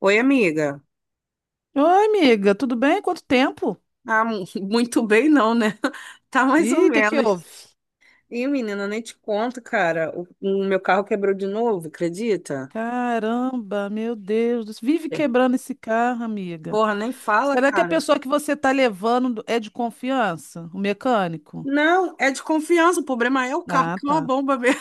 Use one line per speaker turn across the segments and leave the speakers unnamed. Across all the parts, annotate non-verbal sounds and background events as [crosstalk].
Oi, amiga.
Oi, amiga, tudo bem? Quanto tempo?
Ah, [laughs] muito bem não, né? [laughs] Tá mais ou
Ih, o que que
menos.
houve?
E, menina, nem te conto, cara. O meu carro quebrou de novo, acredita?
Caramba, meu Deus, do céu, vive
É.
quebrando esse carro, amiga.
Porra, nem fala,
Será que a
cara.
pessoa que você tá levando é de confiança? O mecânico?
Não, é de confiança. O problema é o carro,
Ah,
que é uma
tá.
bomba mesmo.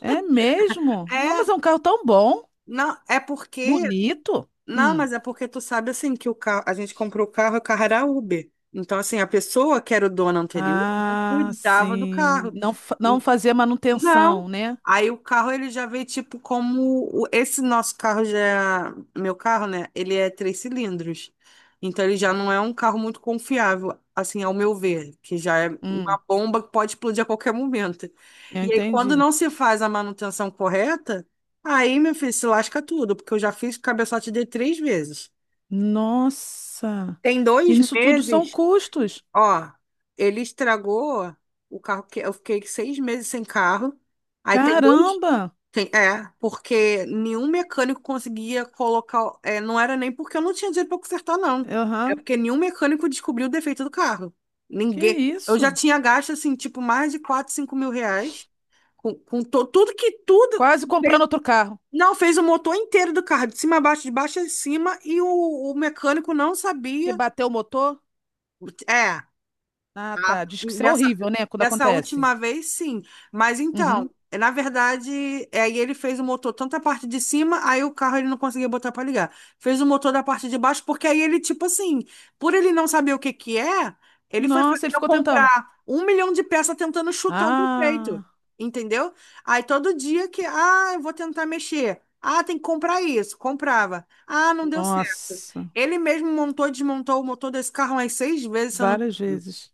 É mesmo?
[laughs]
Não,
É,
mas é um carro tão bom,
não, é porque.
bonito.
Não,
Hum.
mas é porque tu sabe assim que o carro, a gente comprou o carro era Uber. Então, assim, a pessoa que era o dono anterior não
Ah,
cuidava do
sim.
carro.
Não, não fazer
Não.
manutenção, né?
Aí o carro ele já veio tipo como esse nosso carro já, meu carro, né? Ele é três cilindros. Então ele já não é um carro muito confiável, assim, ao meu ver, que já é uma
Hum,
bomba que pode explodir a qualquer momento.
eu
E aí quando
entendi.
não se faz a manutenção correta, aí, meu filho, se lasca tudo, porque eu já fiz cabeçote de três vezes.
Nossa.
Tem
E
dois
nisso tudo são
meses,
custos.
ó, ele estragou o carro que eu fiquei 6 meses sem carro. Aí tem dois,
Caramba!
é, porque nenhum mecânico conseguia colocar. É, não era nem porque eu não tinha dinheiro para consertar, não. É
Aham.
porque nenhum mecânico descobriu o defeito do carro.
Que
Ninguém. Eu já
isso?
tinha gasto, assim, tipo, mais de 4, 5 mil reais com tudo que tudo.
Quase comprando
fez-
outro carro.
não, fez o motor inteiro do carro, de cima a baixo, de baixo a cima, e o mecânico não
Porque
sabia.
bateu o motor?
É.
Ah,
Ah,
tá. Diz que isso é
Dessa,
horrível, né? Quando
dessa
acontece.
última vez, sim. Mas então,
Uhum.
na verdade, é, aí ele fez o motor tanto a parte de cima, aí o carro ele não conseguia botar para ligar. Fez o motor da parte de baixo, porque aí ele, tipo assim, por ele não saber o que que é, ele foi fazer
Nossa, ele
eu
ficou tentando.
comprar um milhão de peças tentando chutar o defeito.
Ah,
Entendeu? Aí todo dia que, ah, eu vou tentar mexer. Ah, tem que comprar isso. Comprava. Ah, não deu certo.
nossa.
Ele mesmo montou e desmontou o motor desse carro umas seis vezes, se eu não,
Várias vezes.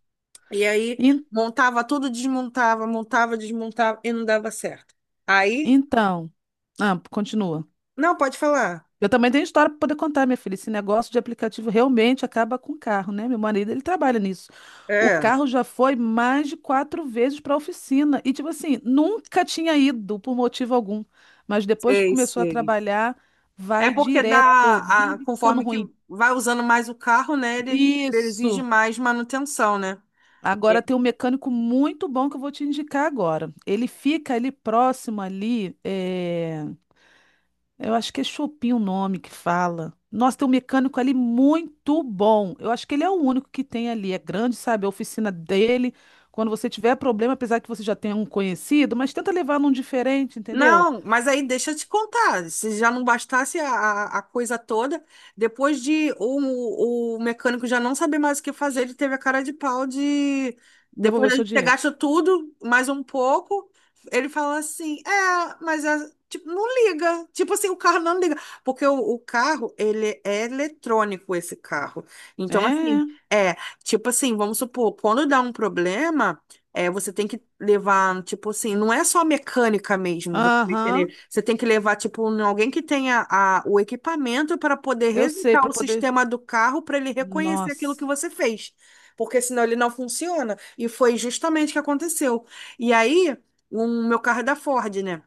e aí
En-
montava tudo, desmontava, montava, desmontava e não dava certo. Aí,
então. Ah, continua.
não, pode falar.
Eu também tenho história para poder contar, minha filha. Esse negócio de aplicativo realmente acaba com o carro, né? Meu marido, ele trabalha nisso. O
É,
carro já foi mais de quatro vezes para a oficina. E, tipo assim, nunca tinha ido por motivo algum. Mas depois que
sei,
começou a
sei.
trabalhar,
É
vai
porque
direto,
dá, a,
vive ficando
conforme que
ruim.
vai usando mais o carro, né, ele exige
Isso!
mais manutenção, né?
Agora tem um mecânico muito bom que eu vou te indicar agora. Ele fica ali próximo ali. Eu acho que é Chopin o nome que fala. Nossa, tem um mecânico ali muito bom. Eu acho que ele é o único que tem ali. É grande, sabe? A oficina dele. Quando você tiver problema, apesar que você já tenha um conhecido, mas tenta levar num diferente, entendeu?
Não, mas aí deixa eu te contar. Se já não bastasse a coisa toda, depois de o mecânico já não saber mais o que fazer, ele teve a cara de pau de.
Devolver o
Depois
seu
de ter
dinheiro.
gasto tudo, mais um pouco, ele fala assim: é, mas é, tipo, não liga. Tipo assim, o carro não liga. Porque o carro, ele é eletrônico, esse carro. Então, assim,
É.
é, tipo assim, vamos supor, quando dá um problema. É, você tem que levar, tipo assim, não é só mecânica mesmo, você vai entender.
Aham.
Você tem que levar, tipo, em alguém que tenha a, o equipamento para poder
Eu sei,
resetar
para
o
poder.
sistema do carro para ele reconhecer aquilo que
Nossa.
você fez, porque senão ele não funciona. E foi justamente o que aconteceu. E aí, o meu carro é da Ford, né?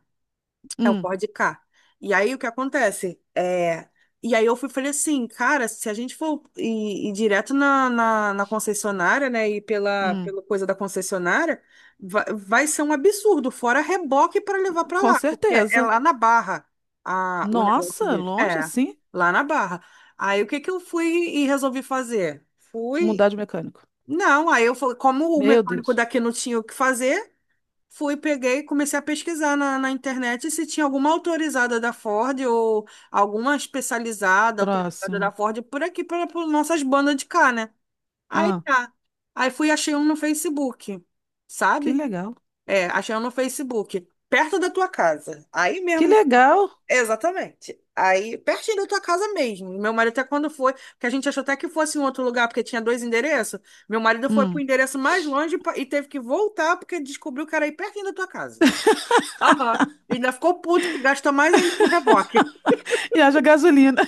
É o
Hum,
Ford Ka. E aí o que acontece? É... E aí eu fui, falei assim, cara, se a gente for ir direto na, na concessionária, né? E pela,
hum.
pela coisa da concessionária, vai ser um absurdo, fora reboque para levar para
Com
lá, porque é
certeza.
lá na Barra a, o negócio
Nossa,
dele.
longe
É,
assim?
lá na Barra. Aí o que que eu fui e resolvi fazer? Fui.
Mudar de mecânico.
Não, aí eu falei, como o
Meu
mecânico
Deus.
daqui não tinha o que fazer, fui, peguei, comecei a pesquisar na internet se tinha alguma autorizada da Ford ou alguma especializada, autorizada da
Próximo.
Ford por aqui, para nossas bandas de cá, né? Aí
Ah,
tá. Aí fui, achei um no Facebook,
que
sabe?
legal.
É, achei um no Facebook, perto da tua casa. Aí
Que
mesmo,
legal.
exatamente. Aí, pertinho da tua casa mesmo. Meu marido até quando foi, porque a gente achou até que fosse em outro lugar, porque tinha dois endereços. Meu marido foi pro
Hum.
endereço mais longe e e teve que voltar porque descobriu que era aí pertinho da tua casa. Aham. E ainda ficou puto que gastou mais ainda com reboque.
E haja gasolina.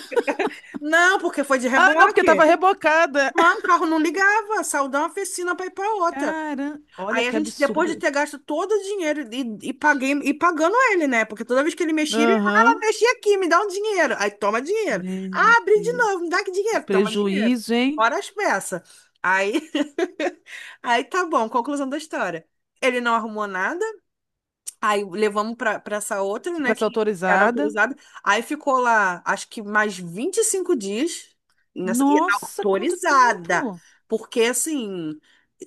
Não, porque foi de
Ah, não, porque
reboque.
tava rebocada.
Não, o carro não ligava, saiu de uma oficina para ir para outra.
Caramba, olha
Aí a
que
gente, depois de
absurdo.
ter gasto todo o dinheiro e paguei e pagando ele, né? Porque toda vez que ele mexia, ele, ah,
Aham.
mexi aqui, me dá um dinheiro. Aí toma dinheiro.
Meu
Ah, abri de
Deus.
novo, me dá que dinheiro, toma dinheiro.
Prejuízo, hein?
Fora as peças. Aí, [laughs] aí tá bom, conclusão da história. Ele não arrumou nada, aí levamos para essa outra, né,
Pra ser
que era
autorizada.
autorizada. Aí ficou lá, acho que mais 25 dias nessa, e
Nossa, quanto
autorizada.
tempo!
Porque, assim,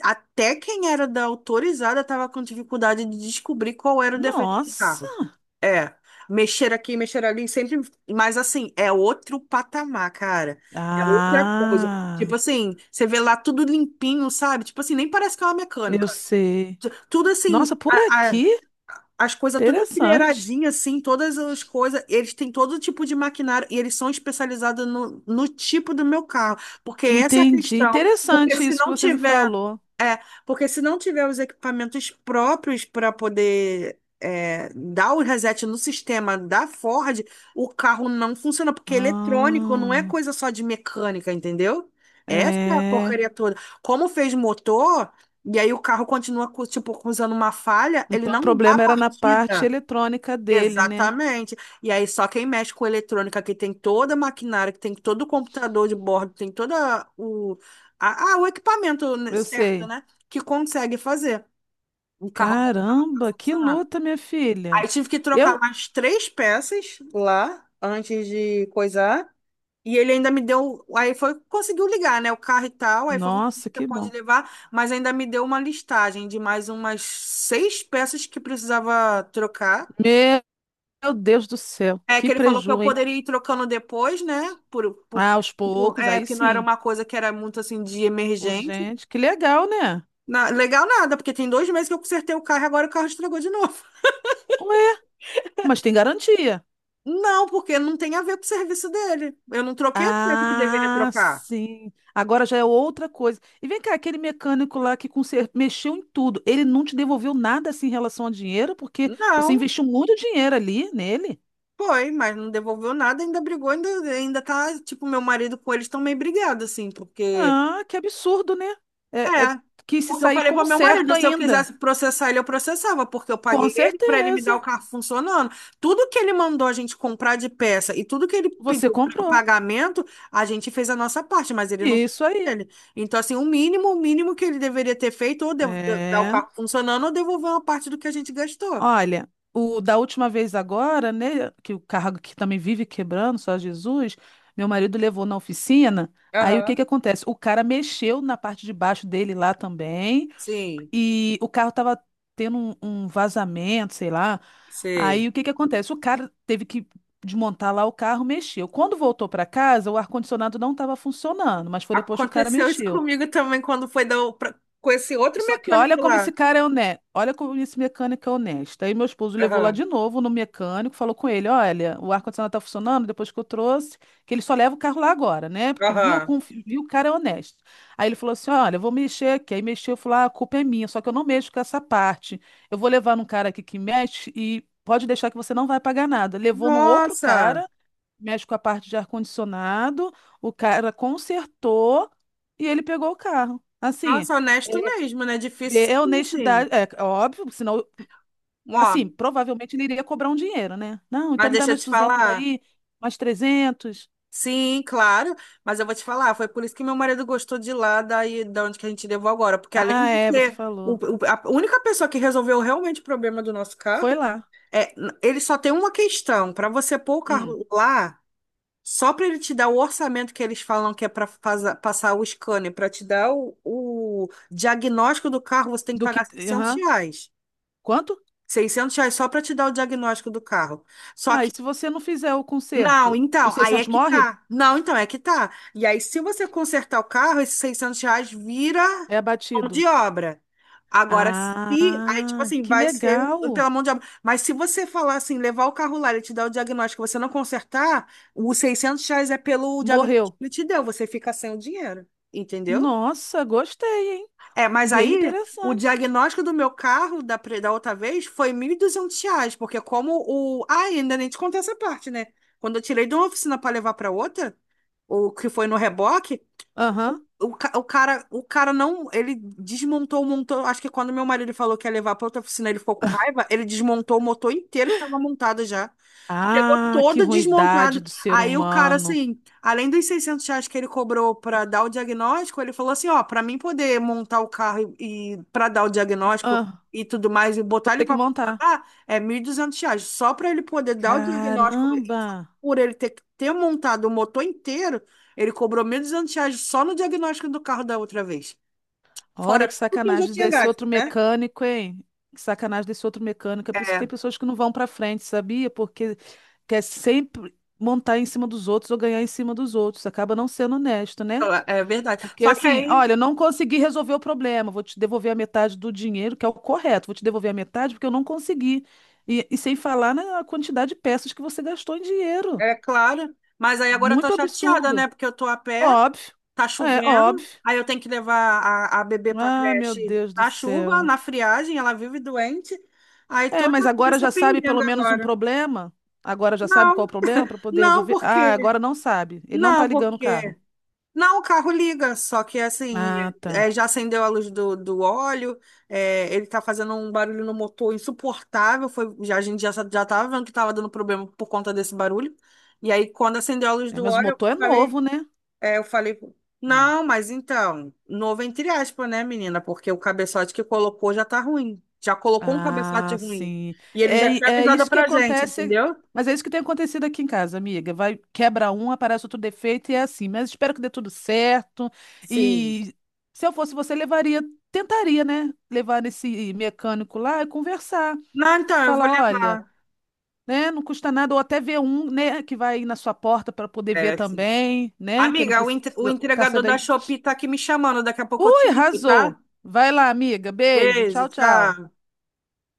até quem era da autorizada estava com dificuldade de descobrir qual era o defeito do
Nossa!
carro. É, mexer aqui, mexer ali, sempre. Mas, assim, é outro patamar, cara. É outra coisa. Tipo
Ah,
assim, você vê lá tudo limpinho, sabe? Tipo assim, nem parece que é uma
eu
mecânica.
sei.
Tudo assim,
Nossa, por aqui?
as coisas tudo
Interessante.
empilheiradinha, assim, todas as coisas. Eles têm todo tipo de maquinário e eles são especializados no tipo do meu carro, porque essa é a
Entendi.
questão. Porque
Interessante
se
isso que
não
você me
tiver,
falou.
é, porque se não tiver os equipamentos próprios para poder é, dar o reset no sistema da Ford, o carro não funciona, porque é eletrônico, não é
Ah,
coisa só de mecânica, entendeu? Essa é a
é.
porcaria toda. Como fez motor. E aí o carro continua, com, tipo, usando uma falha, ele
Então o
não dá
problema era na parte
batida.
eletrônica dele, né?
Exatamente. E aí, só quem mexe com eletrônica, que tem toda a maquinária, que tem todo o computador de bordo, tem todo o, a, ah, o equipamento, né,
Eu
certo,
sei.
né? Que consegue fazer o carro voltar a
Caramba, que
funcionar.
luta, minha
Aí
filha.
tive que trocar
Eu,
mais três peças lá antes de coisar. E ele ainda me deu. Aí foi, conseguiu ligar, né? O carro e tal. Aí foi,
nossa,
você
que
pode
bom.
levar, mas ainda me deu uma listagem de mais umas seis peças que precisava trocar.
Meu Deus do céu,
É que
que
ele falou que eu
preju, hein?
poderia ir trocando depois, né?
Ah, aos poucos, aí
Porque não era
sim.
uma coisa que era muito assim de emergência.
Urgente, que legal, né?
Legal nada, porque tem 2 meses que eu consertei o carro e agora o carro estragou de novo.
Ué, mas tem garantia.
[laughs] Não, porque não tem a ver com o serviço dele. Eu não troquei a peça que deveria
Ah,
trocar.
sim. Agora já é outra coisa. E vem cá, aquele mecânico lá que mexeu em tudo, ele não te devolveu nada assim em relação a dinheiro, porque você
Não,
investiu muito dinheiro ali nele.
foi, mas não devolveu nada, ainda brigou, ainda tá, tipo, meu marido com eles estão meio brigados, assim, porque
Ah, que absurdo, né? É
é,
que se
porque eu
sair
falei pro
como
meu
certo
marido, se eu
ainda.
quisesse processar ele, eu processava, porque eu
Com
paguei ele para ele me dar
certeza.
o carro funcionando. Tudo que ele mandou a gente comprar de peça e tudo que ele
Você
pediu para
comprou.
pagamento, a gente fez a nossa parte, mas ele não fez
Isso aí.
dele. Então, assim, o mínimo que ele deveria ter feito, ou dar o É.
É.
carro funcionando, ou devolver uma parte do que a gente gastou.
Olha, o da última vez agora, né, que o carro que também vive quebrando, só Jesus, meu marido levou na oficina. Aí o que
Aham.
que acontece? O cara mexeu na parte de baixo dele lá também,
Sim,
e o carro tava tendo um vazamento, sei lá.
sei.
Aí o que que acontece? O cara teve que desmontar lá o carro, mexeu. Quando voltou para casa, o ar-condicionado não estava funcionando, mas foi depois que o cara
Aconteceu isso
mexeu.
comigo também quando foi dar com esse outro
Só que olha
mecânico
como esse
lá.
cara é honesto, olha como esse mecânico é honesto. Aí meu esposo levou lá
Aham,
de novo no mecânico, falou com ele, olha, o ar-condicionado tá funcionando depois que eu trouxe, que ele só leva o carro lá agora, né? Porque viu, a
aham.
viu o cara é honesto. Aí ele falou assim, olha, eu vou mexer aqui. Aí mexeu, eu falei, ah, a culpa é minha, só que eu não mexo com essa parte. Eu vou levar num cara aqui que mexe e pode deixar que você não vai pagar nada. Levou num outro
Nossa!
cara, mexe com a parte de ar-condicionado, o cara consertou e ele pegou o carro. Assim...
Nossa, honesto mesmo, né?
É
Difícil
é
saber assim.
honestidade, é óbvio, senão,
Ó,
assim, provavelmente ele iria cobrar um dinheiro, né? Não,
mas
então me dá
deixa eu
mais
te
200
falar.
aí, mais 300.
Sim, claro, mas eu vou te falar, foi por isso que meu marido gostou de lá, daí da onde que a gente levou agora, porque além
Ah,
de
é, você
ser
falou.
a única pessoa que resolveu realmente o problema do nosso
Foi
carro,
lá.
é, ele só tem uma questão, para você pôr o
Hum.
carro lá, só para ele te dar o orçamento que eles falam que é para passar o scanner, para te dar o diagnóstico do carro, você tem que
Do que,
pagar seiscentos
aham.
reais.
Quanto?
Seiscentos reais só para te dar o diagnóstico do carro. Só
Tá, e
que,
se você não fizer o
não,
conserto,
então,
os
aí é
600
que
morre?
tá. Não, então, é que tá. E aí, se você consertar o carro, esses R$ 600 vira
É
mão de
abatido.
obra. Agora, se, aí, tipo
Ah,
assim,
que
vai ser
legal.
pela mão de obra. Mas se você falar assim, levar o carro lá, ele te dá o diagnóstico, você não consertar, os R$ 600 é pelo diagnóstico que
Morreu.
ele te deu, você fica sem o dinheiro, entendeu?
Nossa, gostei, hein?
É, mas
Bem
aí o
interessante.
diagnóstico do meu carro da, da outra vez foi R$ 1.200, porque como o... Ah, ainda nem te contei essa parte, né? Quando eu tirei de uma oficina para levar para outra, o que foi no reboque,
Aham.
o cara não, ele desmontou o motor, acho que quando meu marido falou que ia levar para outra oficina, ele ficou com raiva, ele desmontou o motor inteiro que estava montado já. Chegou
Ah, que
toda
ruindade
desmontada.
do ser
Aí o cara,
humano.
assim, além dos R$ 600 que ele cobrou para dar o diagnóstico, ele falou assim: ó, para mim poder montar o carro e para dar o diagnóstico
Ah,
e tudo mais, e
vou
botar ele
ter que
para
montar.
funcionar, é R$ 1.200. Só para ele poder dar o diagnóstico,
Caramba!
por ele ter montado o motor inteiro, ele cobrou R$ 1.200 só no diagnóstico do carro da outra vez.
Olha
Fora
que
tudo que eu já
sacanagem
tinha
desse
gasto,
outro
né?
mecânico, hein? Que sacanagem desse outro mecânico. É por isso que tem
É,
pessoas que não vão pra frente, sabia? Porque quer sempre montar em cima dos outros ou ganhar em cima dos outros. Acaba não sendo honesto, né?
é verdade.
Porque
Só que
assim,
aí
olha, eu não consegui resolver o problema. Vou te devolver a metade do dinheiro, que é o correto. Vou te devolver a metade porque eu não consegui. E sem falar na quantidade de peças que você gastou em dinheiro.
é claro, mas aí agora eu tô
Muito
chateada, né?
absurdo.
Porque eu tô a pé,
Óbvio.
tá
É,
chovendo,
óbvio.
aí eu tenho que levar a bebê pra
Ah, meu
creche
Deus do
na chuva,
céu.
na friagem, ela vive doente. Aí
É,
tô
mas agora
nessa
já sabe pelo
pendenga
menos um
agora.
problema? Agora já sabe
Não,
qual o problema para poder
não,
resolver? Ah,
porque,
agora não sabe. Ele não tá
não,
ligando o carro.
porque, não, o carro liga, só que assim,
Ah,
é,
tá.
já acendeu a luz do óleo, é, ele tá fazendo um barulho no motor insuportável, foi, já, a gente já, já tava vendo que tava dando problema por conta desse barulho. E aí, quando acendeu a luz
É,
do
mas o
óleo, eu
motor é
falei,
novo, né?
é, eu falei,
Hum.
não, mas então, novo entre aspas, né, menina? Porque o cabeçote que colocou já tá ruim. Já colocou um cabeçote
Ah,
ruim.
sim.
E ele
É,
já tinha
é
avisado
isso que
pra gente,
acontece.
entendeu?
Mas é isso que tem acontecido aqui em casa, amiga. Vai, quebra um, aparece outro defeito e é assim. Mas espero que dê tudo certo.
Sim.
E se eu fosse você, levaria, tentaria, né? Levar nesse mecânico lá e conversar.
Não, então, eu vou
Fala, olha.
levar.
Né? Não custa nada, ou até ver um, né, que vai aí na sua porta para poder ver
É, sim.
também, né? Quem não
Amiga, o,
precisa,
entre- o
caça
entregador da
daí.
Shopee tá aqui me chamando. Daqui a pouco eu te
Ui,
ligo, tá?
arrasou. Vai lá, amiga. Beijo.
Beijo,
Tchau, tchau.
tchau.